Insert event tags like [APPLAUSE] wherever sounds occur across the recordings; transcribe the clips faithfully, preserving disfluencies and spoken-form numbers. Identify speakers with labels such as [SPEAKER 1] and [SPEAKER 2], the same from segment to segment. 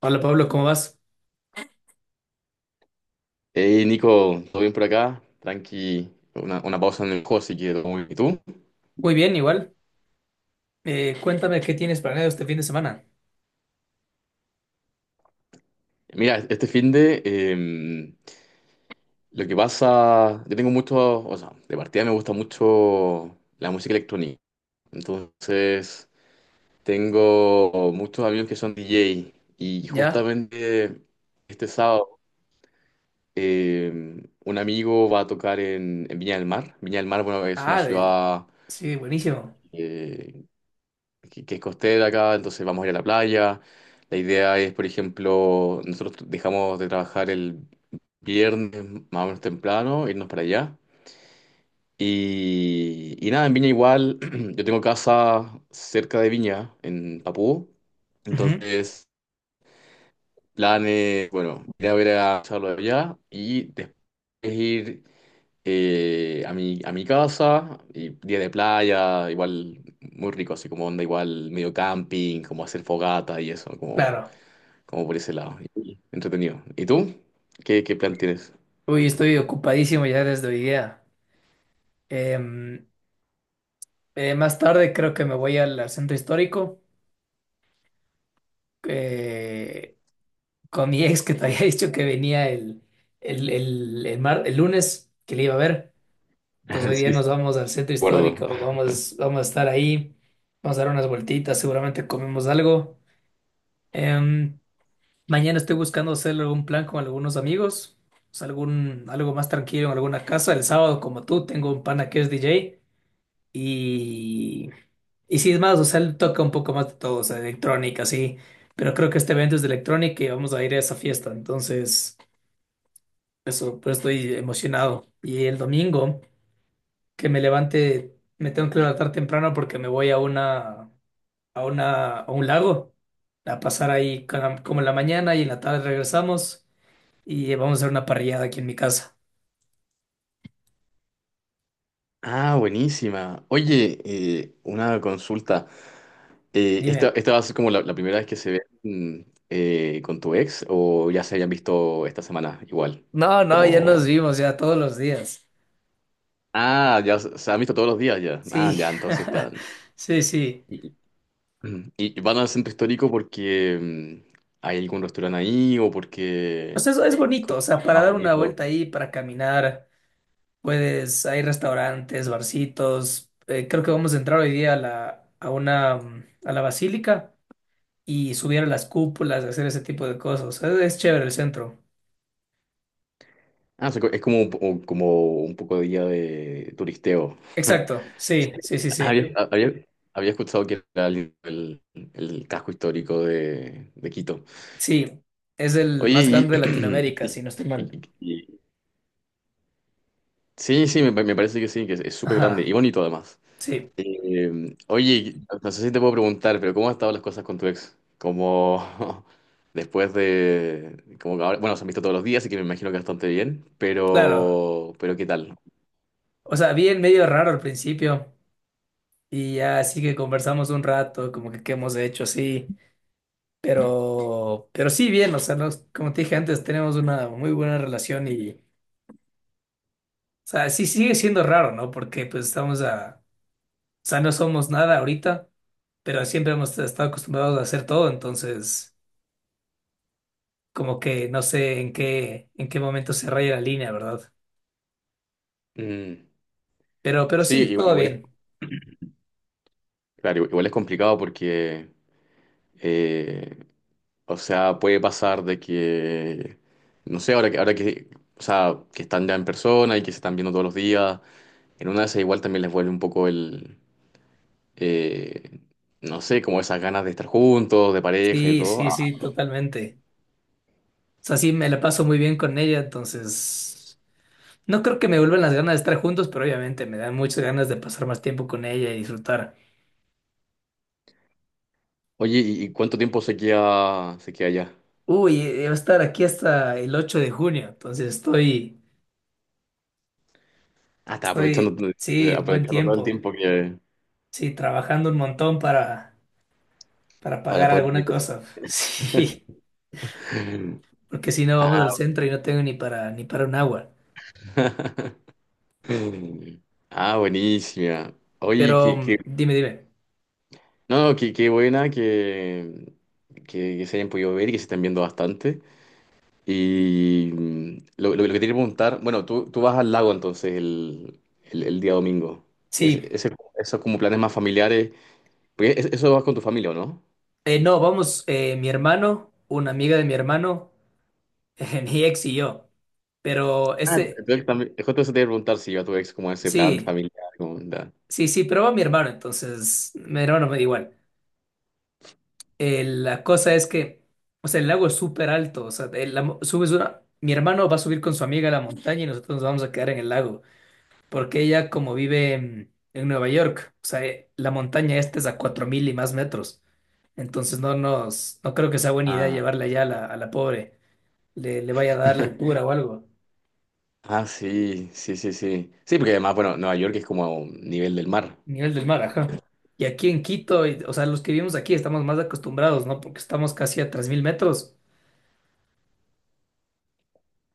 [SPEAKER 1] Hola Pablo, ¿cómo vas?
[SPEAKER 2] Hey Nico, ¿todo bien por acá? Tranqui, una, una pausa en el juego si quiero. ¿Y tú?
[SPEAKER 1] Muy bien, igual. Eh, cuéntame qué tienes planeado este fin de semana.
[SPEAKER 2] Mira, este fin de em, lo que pasa, yo tengo mucho, o sea, de partida me gusta mucho la música electrónica. Entonces, tengo muchos amigos que son D J y
[SPEAKER 1] ¿Ya?
[SPEAKER 2] justamente este sábado em, un amigo va a tocar en, en Viña del Mar. Viña del Mar, bueno, es una
[SPEAKER 1] Ah, del...
[SPEAKER 2] ciudad,
[SPEAKER 1] Sí, buenísimo.
[SPEAKER 2] eh, que, que es costera acá, entonces vamos a ir a la playa. La idea es, por ejemplo, nosotros dejamos de trabajar el viernes más o menos temprano, irnos para allá. Y, y nada, en Viña igual, [CLEARS THROAT] yo tengo casa cerca de Viña, en Papú.
[SPEAKER 1] Ujú.
[SPEAKER 2] Entonces, planes, bueno, ir a ver a Gonzalo allá y después ir eh, a mi, a mi casa, y día de playa, igual muy rico, así como onda igual medio camping, como hacer fogata y eso, como,
[SPEAKER 1] Claro.
[SPEAKER 2] como por ese lado. Y entretenido. ¿Y tú? ¿Qué, qué plan tienes?
[SPEAKER 1] Uy, estoy ocupadísimo ya desde hoy día. Em, eh, Más tarde creo que me voy al, al centro histórico eh, con mi ex, que te había [LAUGHS] dicho que venía el, el, el, el, mar- el lunes, que le iba a ver. Entonces hoy
[SPEAKER 2] [LAUGHS]
[SPEAKER 1] día
[SPEAKER 2] Sí, sí, de
[SPEAKER 1] nos vamos al centro
[SPEAKER 2] acuerdo.
[SPEAKER 1] histórico, vamos, vamos a estar ahí, vamos a dar unas vueltitas, seguramente comemos algo. Em, Mañana estoy buscando hacer algún plan con algunos amigos, o sea, algún, algo más tranquilo en alguna casa. El sábado, como tú, tengo un pana que es D J, y, y sí, es más, o sea, él toca un poco más de todo, o sea, de electrónica, sí, pero creo que este evento es de electrónica y vamos a ir a esa fiesta. Entonces, eso, pero estoy emocionado. Y el domingo, que me levante, me tengo que levantar temprano porque me voy a una, a una, a un lago, a pasar ahí ca- como en la mañana, y en la tarde regresamos y vamos a hacer una parrillada aquí en mi casa.
[SPEAKER 2] Ah, buenísima. Oye, eh, una consulta. Eh, ¿esta,
[SPEAKER 1] Dime.
[SPEAKER 2] esta va a ser como la, la primera vez que se ven eh, con tu ex o ya se habían visto esta semana igual?
[SPEAKER 1] No, no, ya nos
[SPEAKER 2] Como,
[SPEAKER 1] vimos ya todos los días.
[SPEAKER 2] ah, ya se se han visto todos los días ya. Ah,
[SPEAKER 1] Sí,
[SPEAKER 2] ya, entonces están.
[SPEAKER 1] [LAUGHS] sí, sí.
[SPEAKER 2] [CLEARS THROAT] Mm. ¿Y van al centro histórico porque mm, hay algún restaurante ahí o
[SPEAKER 1] O
[SPEAKER 2] porque
[SPEAKER 1] sea, eso es bonito, o sea, para
[SPEAKER 2] más
[SPEAKER 1] dar una
[SPEAKER 2] bonito?
[SPEAKER 1] vuelta ahí, para caminar, puedes, hay restaurantes, barcitos. Eh, creo que vamos a entrar hoy día a la, a una, mm, a la basílica y subir a las cúpulas, hacer ese tipo de cosas. O sea, es chévere el centro.
[SPEAKER 2] Ah, o sea, co- es como, un po- o- como un poco de día de turisteo. [LAUGHS]
[SPEAKER 1] Exacto,
[SPEAKER 2] Sí.
[SPEAKER 1] sí, sí, sí, sí.
[SPEAKER 2] Había, había- había escuchado que era el el- el casco histórico de, de Quito.
[SPEAKER 1] Sí, es el
[SPEAKER 2] Oye,
[SPEAKER 1] más
[SPEAKER 2] y,
[SPEAKER 1] grande de
[SPEAKER 2] [CLEARS THROAT]
[SPEAKER 1] Latinoamérica,
[SPEAKER 2] y-
[SPEAKER 1] si no estoy mal.
[SPEAKER 2] y- y- sí, sí, me, me parece que sí, que es es súper grande
[SPEAKER 1] Ajá,
[SPEAKER 2] y bonito además.
[SPEAKER 1] sí,
[SPEAKER 2] Eh, oye, no no sé si te puedo preguntar, pero ¿cómo han estado las cosas con tu ex? Como [LAUGHS] después de, como que ahora, bueno, se han visto todos los días, así que me imagino que bastante bien,
[SPEAKER 1] claro.
[SPEAKER 2] pero, pero ¿qué tal?
[SPEAKER 1] O sea, bien, medio raro al principio, y ya, así que conversamos un rato, como que qué hemos hecho así, pero, pero sí, bien. O sea, nos- como te dije antes, tenemos una muy buena relación. Y, o sea, sí, sigue siendo raro, ¿no? Porque pues estamos a, o sea, no somos nada ahorita, pero siempre hemos estado acostumbrados a hacer todo. Entonces, como que no sé en qué, en qué, momento se raya la línea, ¿verdad?
[SPEAKER 2] Mm,
[SPEAKER 1] Pero, pero
[SPEAKER 2] sí,
[SPEAKER 1] sí,
[SPEAKER 2] i-
[SPEAKER 1] todo
[SPEAKER 2] igual es,
[SPEAKER 1] bien.
[SPEAKER 2] claro, igual es complicado porque, eh, o sea, puede pasar de que, no sé, ahora que, ahora que, o sea, que están ya en persona y que se están viendo todos los días, en una de esas igual también les vuelve un poco el eh, no sé, como esas ganas de estar juntos, de pareja y
[SPEAKER 1] Sí,
[SPEAKER 2] todo.
[SPEAKER 1] sí,
[SPEAKER 2] Ah,
[SPEAKER 1] sí, totalmente. O sea, sí, me la paso muy bien con ella, entonces. No creo que me vuelvan las ganas de estar juntos, pero obviamente me dan muchas ganas de pasar más tiempo con ella y disfrutar.
[SPEAKER 2] oye, ¿y y cuánto tiempo se queda, se queda allá?
[SPEAKER 1] Uy, eh, va a estar aquí hasta el ocho de junio. Entonces estoy,
[SPEAKER 2] Ah, está
[SPEAKER 1] estoy,
[SPEAKER 2] aprovechando, eh,
[SPEAKER 1] sí, buen
[SPEAKER 2] aprovechando todo el
[SPEAKER 1] tiempo,
[SPEAKER 2] tiempo que
[SPEAKER 1] sí, trabajando un montón para, para
[SPEAKER 2] para
[SPEAKER 1] pagar
[SPEAKER 2] poder
[SPEAKER 1] alguna
[SPEAKER 2] invitar.
[SPEAKER 1] cosa, [LAUGHS] sí,
[SPEAKER 2] [LAUGHS]
[SPEAKER 1] porque si no vamos
[SPEAKER 2] Ah,
[SPEAKER 1] al centro y no tengo ni para, ni para un agua.
[SPEAKER 2] mm, ah, buenísima. Oye,
[SPEAKER 1] Pero
[SPEAKER 2] qué, qué-
[SPEAKER 1] mm, dime, dime.
[SPEAKER 2] no, qué, qué buena que, que, que se hayan podido ver y que se estén viendo bastante. Y mm, lo lo- lo que te quería preguntar, bueno, tú, tú vas al lago entonces el el- el día domingo. Es-
[SPEAKER 1] Sí,
[SPEAKER 2] ese- esos como planes más familiares. Porque es- eso vas con tu familia, ¿o no?
[SPEAKER 1] eh, no, vamos, eh, mi hermano, una amiga de mi hermano, [LAUGHS] mi ex y yo, pero
[SPEAKER 2] Ah,
[SPEAKER 1] ese,
[SPEAKER 2] entonces también, es justo eso te iba a preguntar si iba tu ex como ese plan
[SPEAKER 1] sí.
[SPEAKER 2] familiar, como onda.
[SPEAKER 1] Sí, sí, pero va mi hermano, entonces mi hermano me da igual. Eh, la cosa es que, o sea, el lago es súper alto. O sea, el- la mo- subes una, mi hermano va a subir con su amiga a la montaña, y nosotros nos vamos a quedar en el lago, porque ella, como vive en, en Nueva York, o sea, eh, la montaña esta es a cuatro mil y más metros. Entonces no nos, no creo que sea buena idea
[SPEAKER 2] Ah.
[SPEAKER 1] llevarla allá, a la, a la pobre, le, le vaya a dar la altura
[SPEAKER 2] [LAUGHS]
[SPEAKER 1] o algo.
[SPEAKER 2] Ah, sí, sí, sí, sí. Sí, porque además, bueno, Nueva York es como a un nivel del mar.
[SPEAKER 1] Nivel del mar, ajá. Y aquí en Quito, y- o sea, los que vivimos aquí estamos más acostumbrados, ¿no? Porque estamos casi a tres mil metros.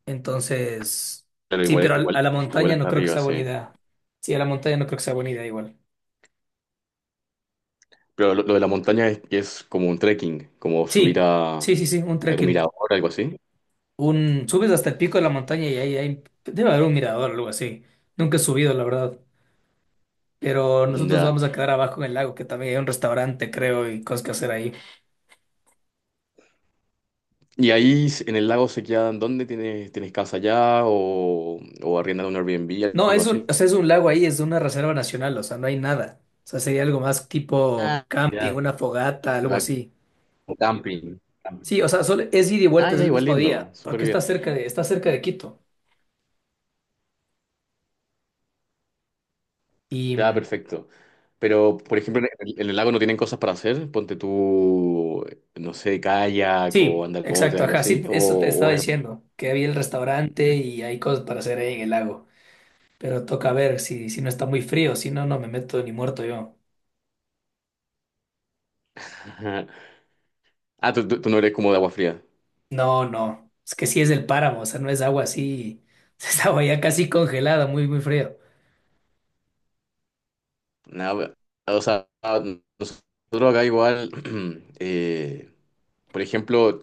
[SPEAKER 1] Entonces,
[SPEAKER 2] Pero
[SPEAKER 1] sí,
[SPEAKER 2] igual,
[SPEAKER 1] pero al- a,
[SPEAKER 2] igual,
[SPEAKER 1] la
[SPEAKER 2] igual
[SPEAKER 1] montaña no
[SPEAKER 2] hasta
[SPEAKER 1] creo que
[SPEAKER 2] arriba,
[SPEAKER 1] sea buena
[SPEAKER 2] sí.
[SPEAKER 1] idea. Sí, a la montaña no creo que sea buena idea, igual.
[SPEAKER 2] Pero lo, lo de la montaña es que es como un trekking, como subir
[SPEAKER 1] Sí,
[SPEAKER 2] a
[SPEAKER 1] sí, sí, sí, un
[SPEAKER 2] algún
[SPEAKER 1] trekking.
[SPEAKER 2] mirador, algo así.
[SPEAKER 1] Un, subes hasta el pico de la montaña, y ahí, ahí debe haber un mirador o algo así. Nunca he subido, la verdad. Pero nosotros
[SPEAKER 2] Ya.
[SPEAKER 1] vamos a quedar abajo en el lago, que también hay un restaurante, creo, y cosas que hacer ahí.
[SPEAKER 2] Y ahí s- en el lago se quedan, ¿dónde tienes, tienes casa allá? O, ¿o arriendan un Airbnb,
[SPEAKER 1] No,
[SPEAKER 2] algo
[SPEAKER 1] es un,
[SPEAKER 2] así?
[SPEAKER 1] o sea, es un lago ahí, es una reserva nacional, o sea, no hay nada. O sea, sería algo más tipo
[SPEAKER 2] Ah,
[SPEAKER 1] camping,
[SPEAKER 2] ya.
[SPEAKER 1] una fogata, algo
[SPEAKER 2] ¿Verdad?
[SPEAKER 1] así.
[SPEAKER 2] Como camping.
[SPEAKER 1] Sí, o sea, solo es ida y
[SPEAKER 2] Ah,
[SPEAKER 1] vuelta, es
[SPEAKER 2] ya,
[SPEAKER 1] el
[SPEAKER 2] igual
[SPEAKER 1] mismo
[SPEAKER 2] lindo,
[SPEAKER 1] día,
[SPEAKER 2] súper
[SPEAKER 1] porque está
[SPEAKER 2] bien.
[SPEAKER 1] cerca de, está cerca de Quito. Y
[SPEAKER 2] Ya,
[SPEAKER 1] mm,
[SPEAKER 2] perfecto. Pero, por ejemplo, en el, en el lago no tienen cosas para hacer. Ponte tú, no sé, kayak o
[SPEAKER 1] sí,
[SPEAKER 2] andar en bote,
[SPEAKER 1] exacto,
[SPEAKER 2] algo
[SPEAKER 1] ajá,
[SPEAKER 2] así.
[SPEAKER 1] sí,
[SPEAKER 2] ¿O
[SPEAKER 1] eso te estaba
[SPEAKER 2] o es?
[SPEAKER 1] diciendo, que había el restaurante y hay cosas para hacer ahí en el lago, pero toca ver si, si no está muy frío. Si no, no me meto ni muerto yo.
[SPEAKER 2] [LAUGHS] Ah, tú, tú- tú no eres como de agua fría.
[SPEAKER 1] No, no, es que sí es del páramo, o sea, no es agua así, [LAUGHS] es agua ya casi congelada, muy, muy frío.
[SPEAKER 2] Nada, o sea, nosotros acá igual, [CLEARS THROAT] eh, por ejemplo,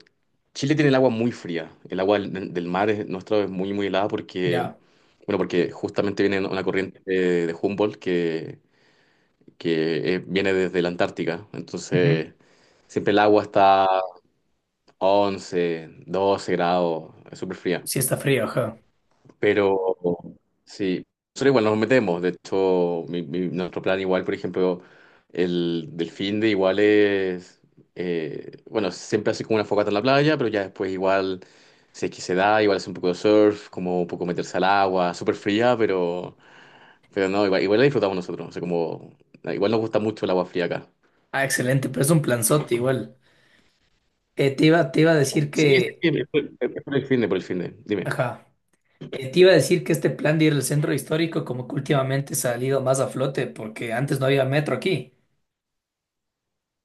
[SPEAKER 2] Chile tiene el agua muy fría. El agua del del mar es, nuestro es muy, muy helada porque,
[SPEAKER 1] Ya.
[SPEAKER 2] bueno, porque justamente viene una corriente de, de Humboldt que que eh, viene desde la Antártica.
[SPEAKER 1] Ujú.
[SPEAKER 2] Entonces, siempre el agua está a once, doce grados, es súper fría.
[SPEAKER 1] Sí, está frío, ajá.
[SPEAKER 2] Pero sí, nosotros igual nos metemos. De hecho, mi- mi- nuestro plan igual, por ejemplo, el del fin de igual es, eh, bueno, siempre así como una fogata en la playa, pero ya después igual, si es que se da, igual hace un poco de surf, como un poco meterse al agua, súper fría, pero... Pero no, igual, igual la disfrutamos nosotros. O sea, como, igual nos gusta mucho el agua fría acá.
[SPEAKER 1] Ah, excelente, pero es un planzote igual. Eh, te iba, te iba a decir
[SPEAKER 2] Sí, sí,
[SPEAKER 1] que,
[SPEAKER 2] sí, por por- por el fin de, por el fin de. Dime.
[SPEAKER 1] ajá, eh, te iba a decir que este plan de ir al centro histórico, como que últimamente ha salido más a flote porque antes no había metro aquí.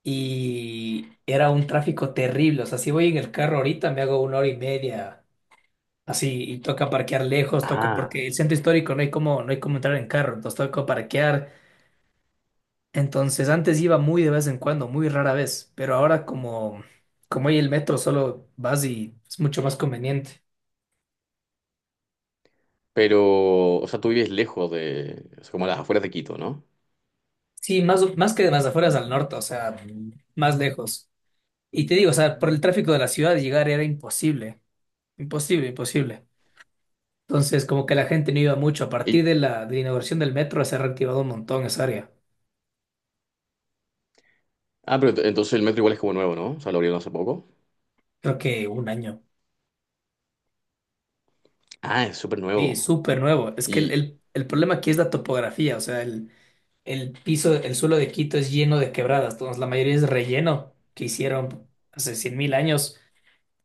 [SPEAKER 1] Y era un tráfico terrible. O sea, si voy en el carro ahorita me hago una hora y media, así, y toca parquear lejos. Toca,
[SPEAKER 2] Ah,
[SPEAKER 1] porque el centro histórico no hay como, no hay como entrar en carro, entonces toca parquear. Entonces antes iba muy de vez en cuando, muy rara vez, pero ahora, como, como hay el metro, solo vas y es mucho más conveniente.
[SPEAKER 2] pero, o sea, tú vives lejos de, o sea, como a las afueras de Quito, ¿no?
[SPEAKER 1] Sí, más, más que de las afueras, al norte, o sea, más lejos. Y te digo, o sea, por el tráfico de la ciudad llegar era imposible, imposible, imposible. Entonces, como que la gente no iba mucho. A
[SPEAKER 2] Y,
[SPEAKER 1] partir de la, de la inauguración del metro se ha reactivado un montón esa área.
[SPEAKER 2] ah, pero ent- entonces el metro igual es como nuevo, ¿no? O sea, lo abrieron hace poco.
[SPEAKER 1] Creo que un año.
[SPEAKER 2] Ah, es súper
[SPEAKER 1] Y
[SPEAKER 2] nuevo.
[SPEAKER 1] súper nuevo. Es que el,
[SPEAKER 2] Y,
[SPEAKER 1] el, el problema aquí es la topografía. O sea, el, el piso, el suelo de Quito es lleno de quebradas. Entonces la mayoría es relleno que hicieron hace cien mil años.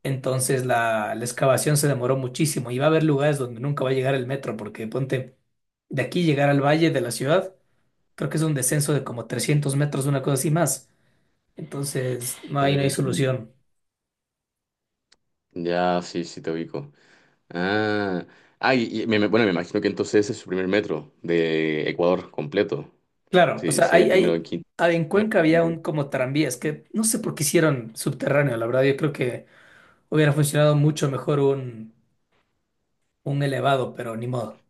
[SPEAKER 1] Entonces la, la excavación se demoró muchísimo. Y va a haber lugares donde nunca va a llegar el metro, porque ponte, de aquí llegar al valle de la ciudad, creo que es un descenso de como trescientos metros, una cosa así, más. Entonces, no, ahí no hay
[SPEAKER 2] mm,
[SPEAKER 1] solución.
[SPEAKER 2] ya, sí, sí, te ubico. Ah, ah y, y me, me- bueno, me imagino que entonces ese es su primer metro de Ecuador completo.
[SPEAKER 1] Claro, o
[SPEAKER 2] Sí,
[SPEAKER 1] sea,
[SPEAKER 2] sí, el
[SPEAKER 1] hay,
[SPEAKER 2] primero en
[SPEAKER 1] hay,
[SPEAKER 2] Quito.
[SPEAKER 1] ah, en Cuenca había un como tranvías que no sé por qué hicieron subterráneo, la verdad. Yo creo que hubiera funcionado mucho mejor un, un elevado, pero ni modo.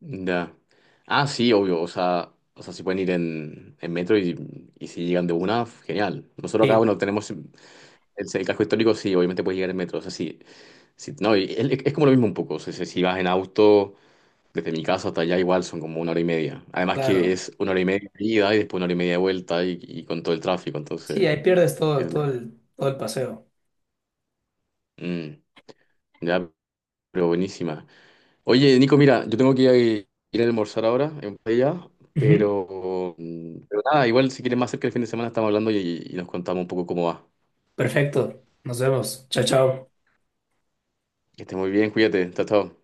[SPEAKER 2] Ya. Ah, sí, obvio. O sea, o sea, si pueden ir en, en metro y, y si llegan de una, genial. Nosotros acá,
[SPEAKER 1] Sí,
[SPEAKER 2] bueno, tenemos el, el casco histórico, sí, obviamente puedes llegar en metro. O sea, sí. sí, no, y es, es como lo mismo un poco. O sea, si si vas en auto, desde mi casa hasta allá, igual son como una hora y media. Además que
[SPEAKER 1] claro.
[SPEAKER 2] es una hora y media de ida y después una hora y media de vuelta y, y con todo el tráfico. Entonces,
[SPEAKER 1] Sí, ahí pierdes todo,
[SPEAKER 2] es
[SPEAKER 1] todo el, todo el paseo.
[SPEAKER 2] mm, ya, pero buenísima. Oye, Nico, mira, yo tengo que ir a almorzar ahora en Botella,
[SPEAKER 1] Ujú.
[SPEAKER 2] pero, mm, pero nada, igual si quieres más cerca el fin de semana estamos hablando y, y nos contamos un poco cómo va.
[SPEAKER 1] Perfecto, nos vemos. Chao, chao.
[SPEAKER 2] Que estés muy bien, cuídate, chao, chao.